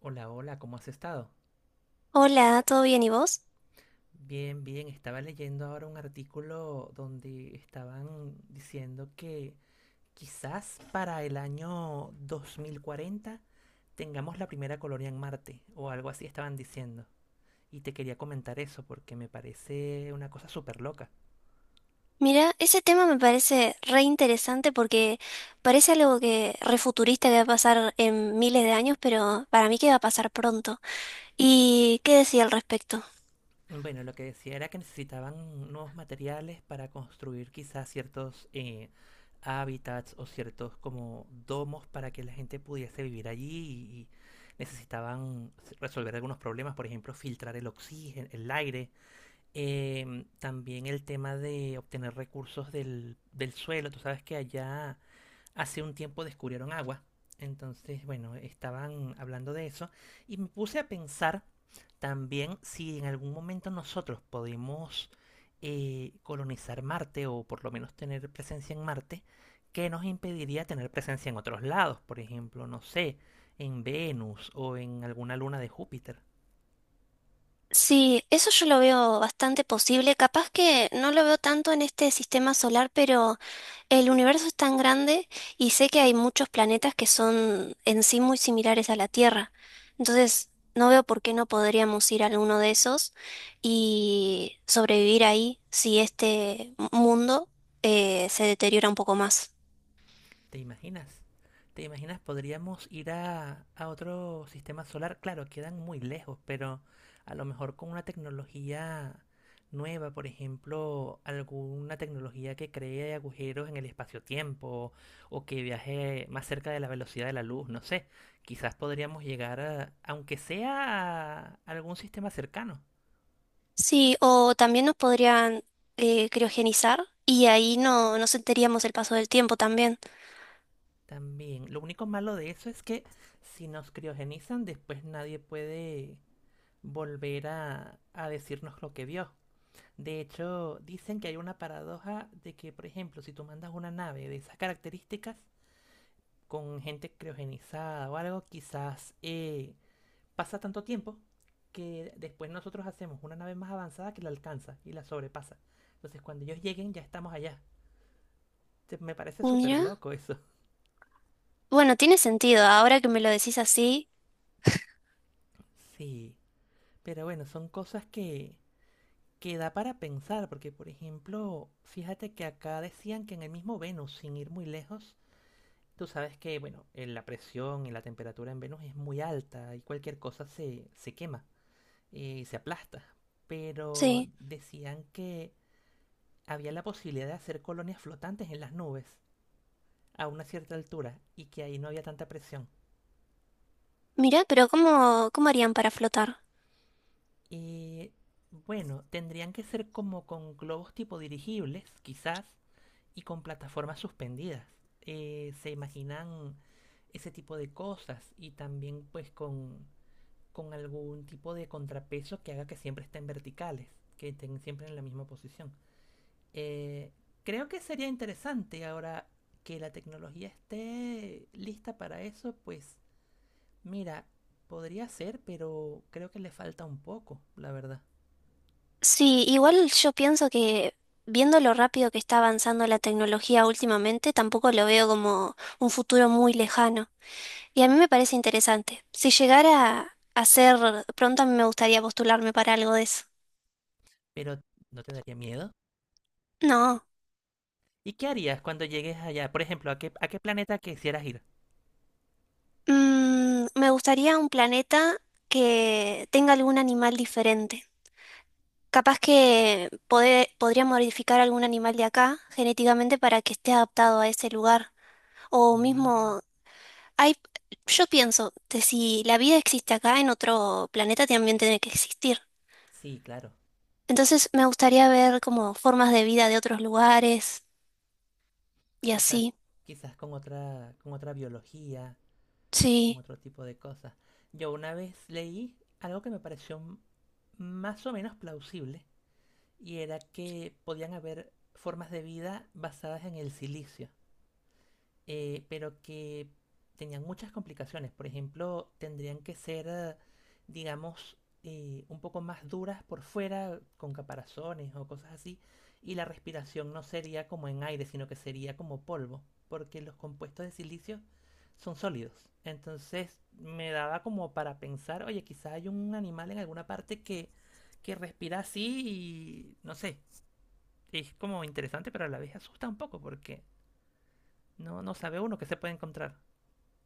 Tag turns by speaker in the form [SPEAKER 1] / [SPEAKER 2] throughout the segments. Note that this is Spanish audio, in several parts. [SPEAKER 1] Hola, hola, ¿cómo has estado?
[SPEAKER 2] Hola, ¿todo bien y vos?
[SPEAKER 1] Bien, bien, estaba leyendo ahora un artículo donde estaban diciendo que quizás para el año 2040 tengamos la primera colonia en Marte o algo así estaban diciendo. Y te quería comentar eso porque me parece una cosa súper loca.
[SPEAKER 2] Mira, ese tema me parece re interesante porque parece algo que refuturista que va a pasar en miles de años, pero para mí que va a pasar pronto. ¿Y qué decía al respecto?
[SPEAKER 1] Bueno, lo que decía era que necesitaban nuevos materiales para construir quizás ciertos hábitats o ciertos como domos para que la gente pudiese vivir allí y necesitaban resolver algunos problemas, por ejemplo, filtrar el oxígeno, el aire. También el tema de obtener recursos del suelo. Tú sabes que allá hace un tiempo descubrieron agua. Entonces, bueno, estaban hablando de eso y me puse a pensar también si en algún momento nosotros podemos colonizar Marte o por lo menos tener presencia en Marte. ¿Qué nos impediría tener presencia en otros lados? Por ejemplo, no sé, en Venus o en alguna luna de Júpiter.
[SPEAKER 2] Sí, eso yo lo veo bastante posible. Capaz que no lo veo tanto en este sistema solar, pero el universo es tan grande y sé que hay muchos planetas que son en sí muy similares a la Tierra. Entonces, no veo por qué no podríamos ir a alguno de esos y sobrevivir ahí si este mundo se deteriora un poco más.
[SPEAKER 1] ¿Te imaginas? ¿Te imaginas? Podríamos ir a otro sistema solar. Claro, quedan muy lejos, pero a lo mejor con una tecnología nueva, por ejemplo, alguna tecnología que cree agujeros en el espacio-tiempo o que viaje más cerca de la velocidad de la luz, no sé. Quizás podríamos llegar aunque sea a algún sistema cercano.
[SPEAKER 2] Sí, o también nos podrían criogenizar y ahí no sentiríamos el paso del tiempo también.
[SPEAKER 1] También, lo único malo de eso es que si nos criogenizan, después nadie puede volver a decirnos lo que vio. De hecho, dicen que hay una paradoja de que, por ejemplo, si tú mandas una nave de esas características con gente criogenizada o algo, quizás pasa tanto tiempo que después nosotros hacemos una nave más avanzada que la alcanza y la sobrepasa. Entonces, cuando ellos lleguen, ya estamos allá. Me parece súper
[SPEAKER 2] Mira,
[SPEAKER 1] loco eso.
[SPEAKER 2] bueno, tiene sentido, ahora que me lo decís así,
[SPEAKER 1] Sí, pero bueno, son cosas que da para pensar, porque por ejemplo, fíjate que acá decían que en el mismo Venus, sin ir muy lejos, tú sabes que, bueno, la presión y la temperatura en Venus es muy alta y cualquier cosa se quema y se aplasta. Pero
[SPEAKER 2] sí.
[SPEAKER 1] decían que había la posibilidad de hacer colonias flotantes en las nubes a una cierta altura y que ahí no había tanta presión.
[SPEAKER 2] Mira, pero ¿cómo harían para flotar?
[SPEAKER 1] Y bueno, tendrían que ser como con globos tipo dirigibles, quizás, y con plataformas suspendidas. Se imaginan ese tipo de cosas y también pues con algún tipo de contrapeso que haga que siempre estén verticales, que estén siempre en la misma posición. Eh, Creo que sería interesante ahora que la tecnología esté lista para eso, pues mira, podría ser, pero creo que le falta un poco, la verdad.
[SPEAKER 2] Sí, igual yo pienso que viendo lo rápido que está avanzando la tecnología últimamente, tampoco lo veo como un futuro muy lejano. Y a mí me parece interesante. Si llegara a ser pronto, a mí me gustaría postularme para algo de eso.
[SPEAKER 1] Pero ¿no te daría miedo?
[SPEAKER 2] No,
[SPEAKER 1] ¿Y qué harías cuando llegues allá? Por ejemplo, ¿a qué planeta quisieras ir?
[SPEAKER 2] mm, me gustaría un planeta que tenga algún animal diferente. Capaz que podría modificar algún animal de acá genéticamente para que esté adaptado a ese lugar. O
[SPEAKER 1] Mm.
[SPEAKER 2] mismo hay, yo pienso que si la vida existe acá, en otro planeta también tiene que existir.
[SPEAKER 1] Sí, claro.
[SPEAKER 2] Entonces me gustaría ver como formas de vida de otros lugares y
[SPEAKER 1] Quizás,
[SPEAKER 2] así.
[SPEAKER 1] quizás con otra biología, con
[SPEAKER 2] Sí,
[SPEAKER 1] otro tipo de cosas. Yo una vez leí algo que me pareció más o menos plausible, y era que podían haber formas de vida basadas en el silicio. Pero que tenían muchas complicaciones. Por ejemplo, tendrían que ser, digamos, un poco más duras por fuera, con caparazones o cosas así, y la respiración no sería como en aire, sino que sería como polvo, porque los compuestos de silicio son sólidos. Entonces me daba como para pensar, oye, quizá hay un animal en alguna parte que respira así y no sé, es como interesante, pero a la vez asusta un poco porque no, no sabe uno qué se puede encontrar.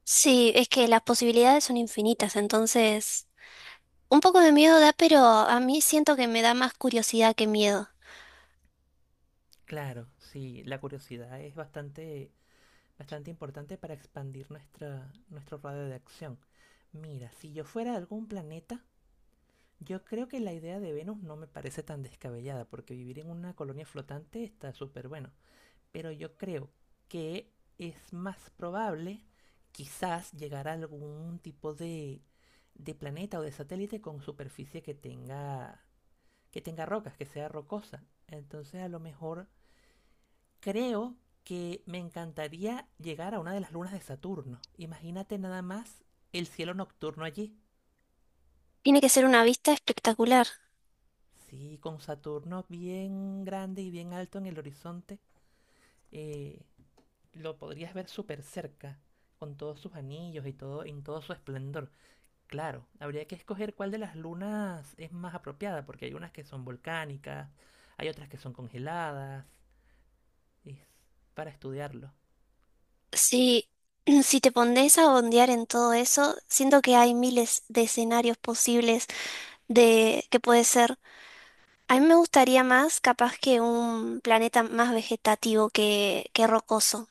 [SPEAKER 2] sí, es que las posibilidades son infinitas, entonces un poco de miedo da, pero a mí siento que me da más curiosidad que miedo.
[SPEAKER 1] Claro, sí, la curiosidad es bastante, bastante importante para expandir nuestro radio de acción. Mira, si yo fuera de algún planeta, yo creo que la idea de Venus no me parece tan descabellada, porque vivir en una colonia flotante está súper bueno. Pero yo creo que es más probable quizás llegar a algún tipo de planeta o de satélite con superficie que tenga rocas, que sea rocosa. Entonces a lo mejor creo que me encantaría llegar a una de las lunas de Saturno. Imagínate nada más el cielo nocturno allí.
[SPEAKER 2] Tiene que ser una vista espectacular.
[SPEAKER 1] Sí, con Saturno bien grande y bien alto en el horizonte, eh, lo podrías ver súper cerca, con todos sus anillos y todo, en todo su esplendor. Claro, habría que escoger cuál de las lunas es más apropiada, porque hay unas que son volcánicas, hay otras que son congeladas. Es para estudiarlo.
[SPEAKER 2] Sí, si te pones a bondear en todo eso, siento que hay miles de escenarios posibles de que puede ser. A mí me gustaría más, capaz que un planeta más vegetativo que rocoso.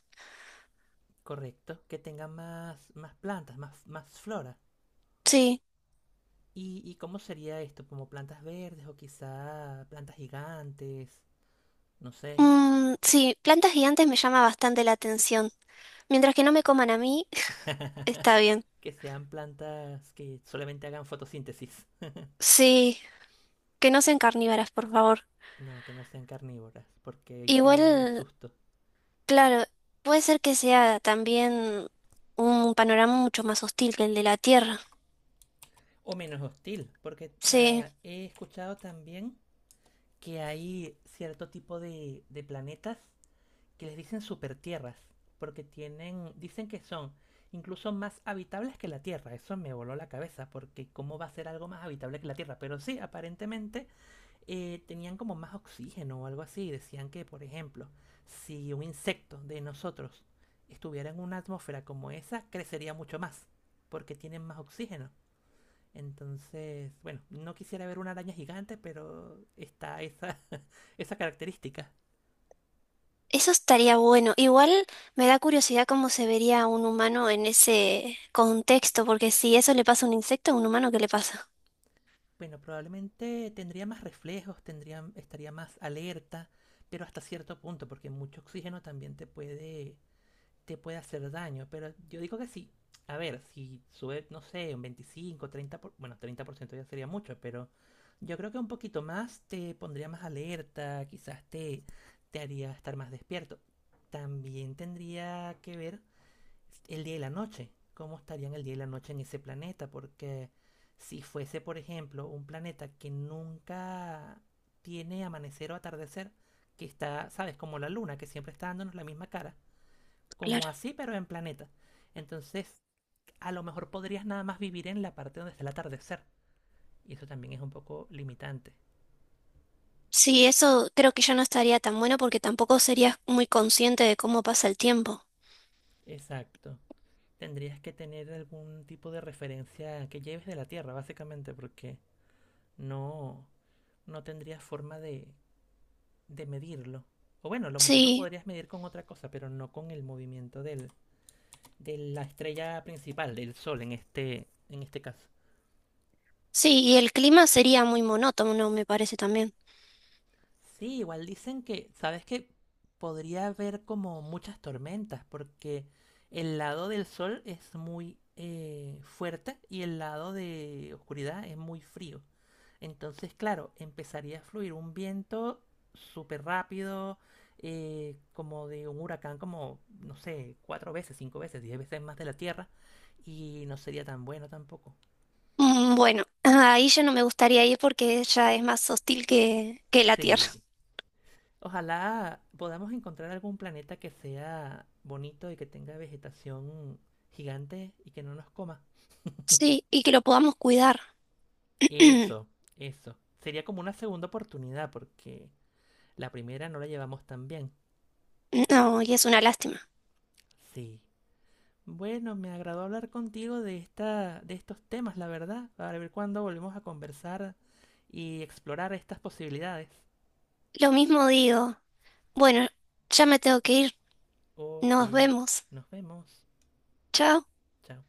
[SPEAKER 1] Correcto, que tenga más, más, plantas, más flora.
[SPEAKER 2] Sí.
[SPEAKER 1] ¿Y cómo sería esto? ¿Como plantas verdes o quizá plantas gigantes? No sé.
[SPEAKER 2] Mm, sí, plantas gigantes me llama bastante la atención. Mientras que no me coman a mí, está bien.
[SPEAKER 1] Que sean plantas que solamente hagan fotosíntesis.
[SPEAKER 2] Sí, que no sean carnívoras, por favor.
[SPEAKER 1] No, que no sean carnívoras, porque ahí sí es
[SPEAKER 2] Igual,
[SPEAKER 1] susto.
[SPEAKER 2] claro, puede ser que sea también un panorama mucho más hostil que el de la Tierra.
[SPEAKER 1] O menos hostil, porque
[SPEAKER 2] Sí.
[SPEAKER 1] ah, he escuchado también que hay cierto tipo de planetas que les dicen super tierras, porque tienen, dicen que son incluso más habitables que la Tierra. Eso me voló la cabeza, porque ¿cómo va a ser algo más habitable que la Tierra? Pero sí, aparentemente tenían como más oxígeno o algo así. Decían que, por ejemplo, si un insecto de nosotros estuviera en una atmósfera como esa, crecería mucho más, porque tienen más oxígeno. Entonces, bueno, no quisiera ver una araña gigante, pero está esa, esa característica.
[SPEAKER 2] Eso estaría bueno. Igual me da curiosidad cómo se vería un humano en ese contexto, porque si eso le pasa a un insecto, a un humano, ¿qué le pasa?
[SPEAKER 1] Bueno, probablemente tendría más reflejos, tendría, estaría más alerta, pero hasta cierto punto, porque mucho oxígeno también te puede hacer daño. Pero yo digo que sí. A ver, si sube, no sé, un 25, bueno, 30% ya sería mucho, pero yo creo que un poquito más te pondría más alerta, quizás te haría estar más despierto. También tendría que ver el día y la noche. ¿Cómo estarían el día y la noche en ese planeta? Porque si fuese, por ejemplo, un planeta que nunca tiene amanecer o atardecer, que está, ¿sabes? Como la luna, que siempre está dándonos la misma cara. Como
[SPEAKER 2] Claro.
[SPEAKER 1] así, pero en planeta. Entonces, a lo mejor podrías nada más vivir en la parte donde está el atardecer. Y eso también es un poco limitante.
[SPEAKER 2] Sí, eso creo que ya no estaría tan bueno porque tampoco serías muy consciente de cómo pasa el tiempo.
[SPEAKER 1] Exacto. Tendrías que tener algún tipo de referencia que lleves de la Tierra, básicamente, porque no, no tendrías forma de medirlo. O bueno, a lo mejor lo
[SPEAKER 2] Sí,
[SPEAKER 1] podrías medir con otra cosa, pero no con el movimiento de la estrella principal, del Sol en este caso.
[SPEAKER 2] sí, y el clima sería muy monótono, ¿no? Me parece también.
[SPEAKER 1] Sí, igual dicen que, ¿sabes qué? Podría haber como muchas tormentas porque el lado del sol es muy fuerte y el lado de oscuridad es muy frío. Entonces, claro, empezaría a fluir un viento súper rápido, como de un huracán, como, no sé, cuatro veces, cinco veces, 10 veces más de la Tierra y no sería tan bueno tampoco.
[SPEAKER 2] Mm, bueno, ahí ya no me gustaría ir porque ella es más hostil que la Tierra.
[SPEAKER 1] Sí. Ojalá podamos encontrar algún planeta que sea bonito y que tenga vegetación gigante y que no nos coma.
[SPEAKER 2] Sí, y que lo podamos cuidar.
[SPEAKER 1] Eso, eso. Sería como una segunda oportunidad porque la primera no la llevamos tan bien.
[SPEAKER 2] No, y es una lástima.
[SPEAKER 1] Sí. Bueno, me agradó hablar contigo de estos temas, la verdad, para ver cuándo volvemos a conversar y explorar estas posibilidades.
[SPEAKER 2] Lo mismo digo. Bueno, ya me tengo que ir.
[SPEAKER 1] Ok,
[SPEAKER 2] Nos vemos.
[SPEAKER 1] nos vemos.
[SPEAKER 2] Chao.
[SPEAKER 1] Chao.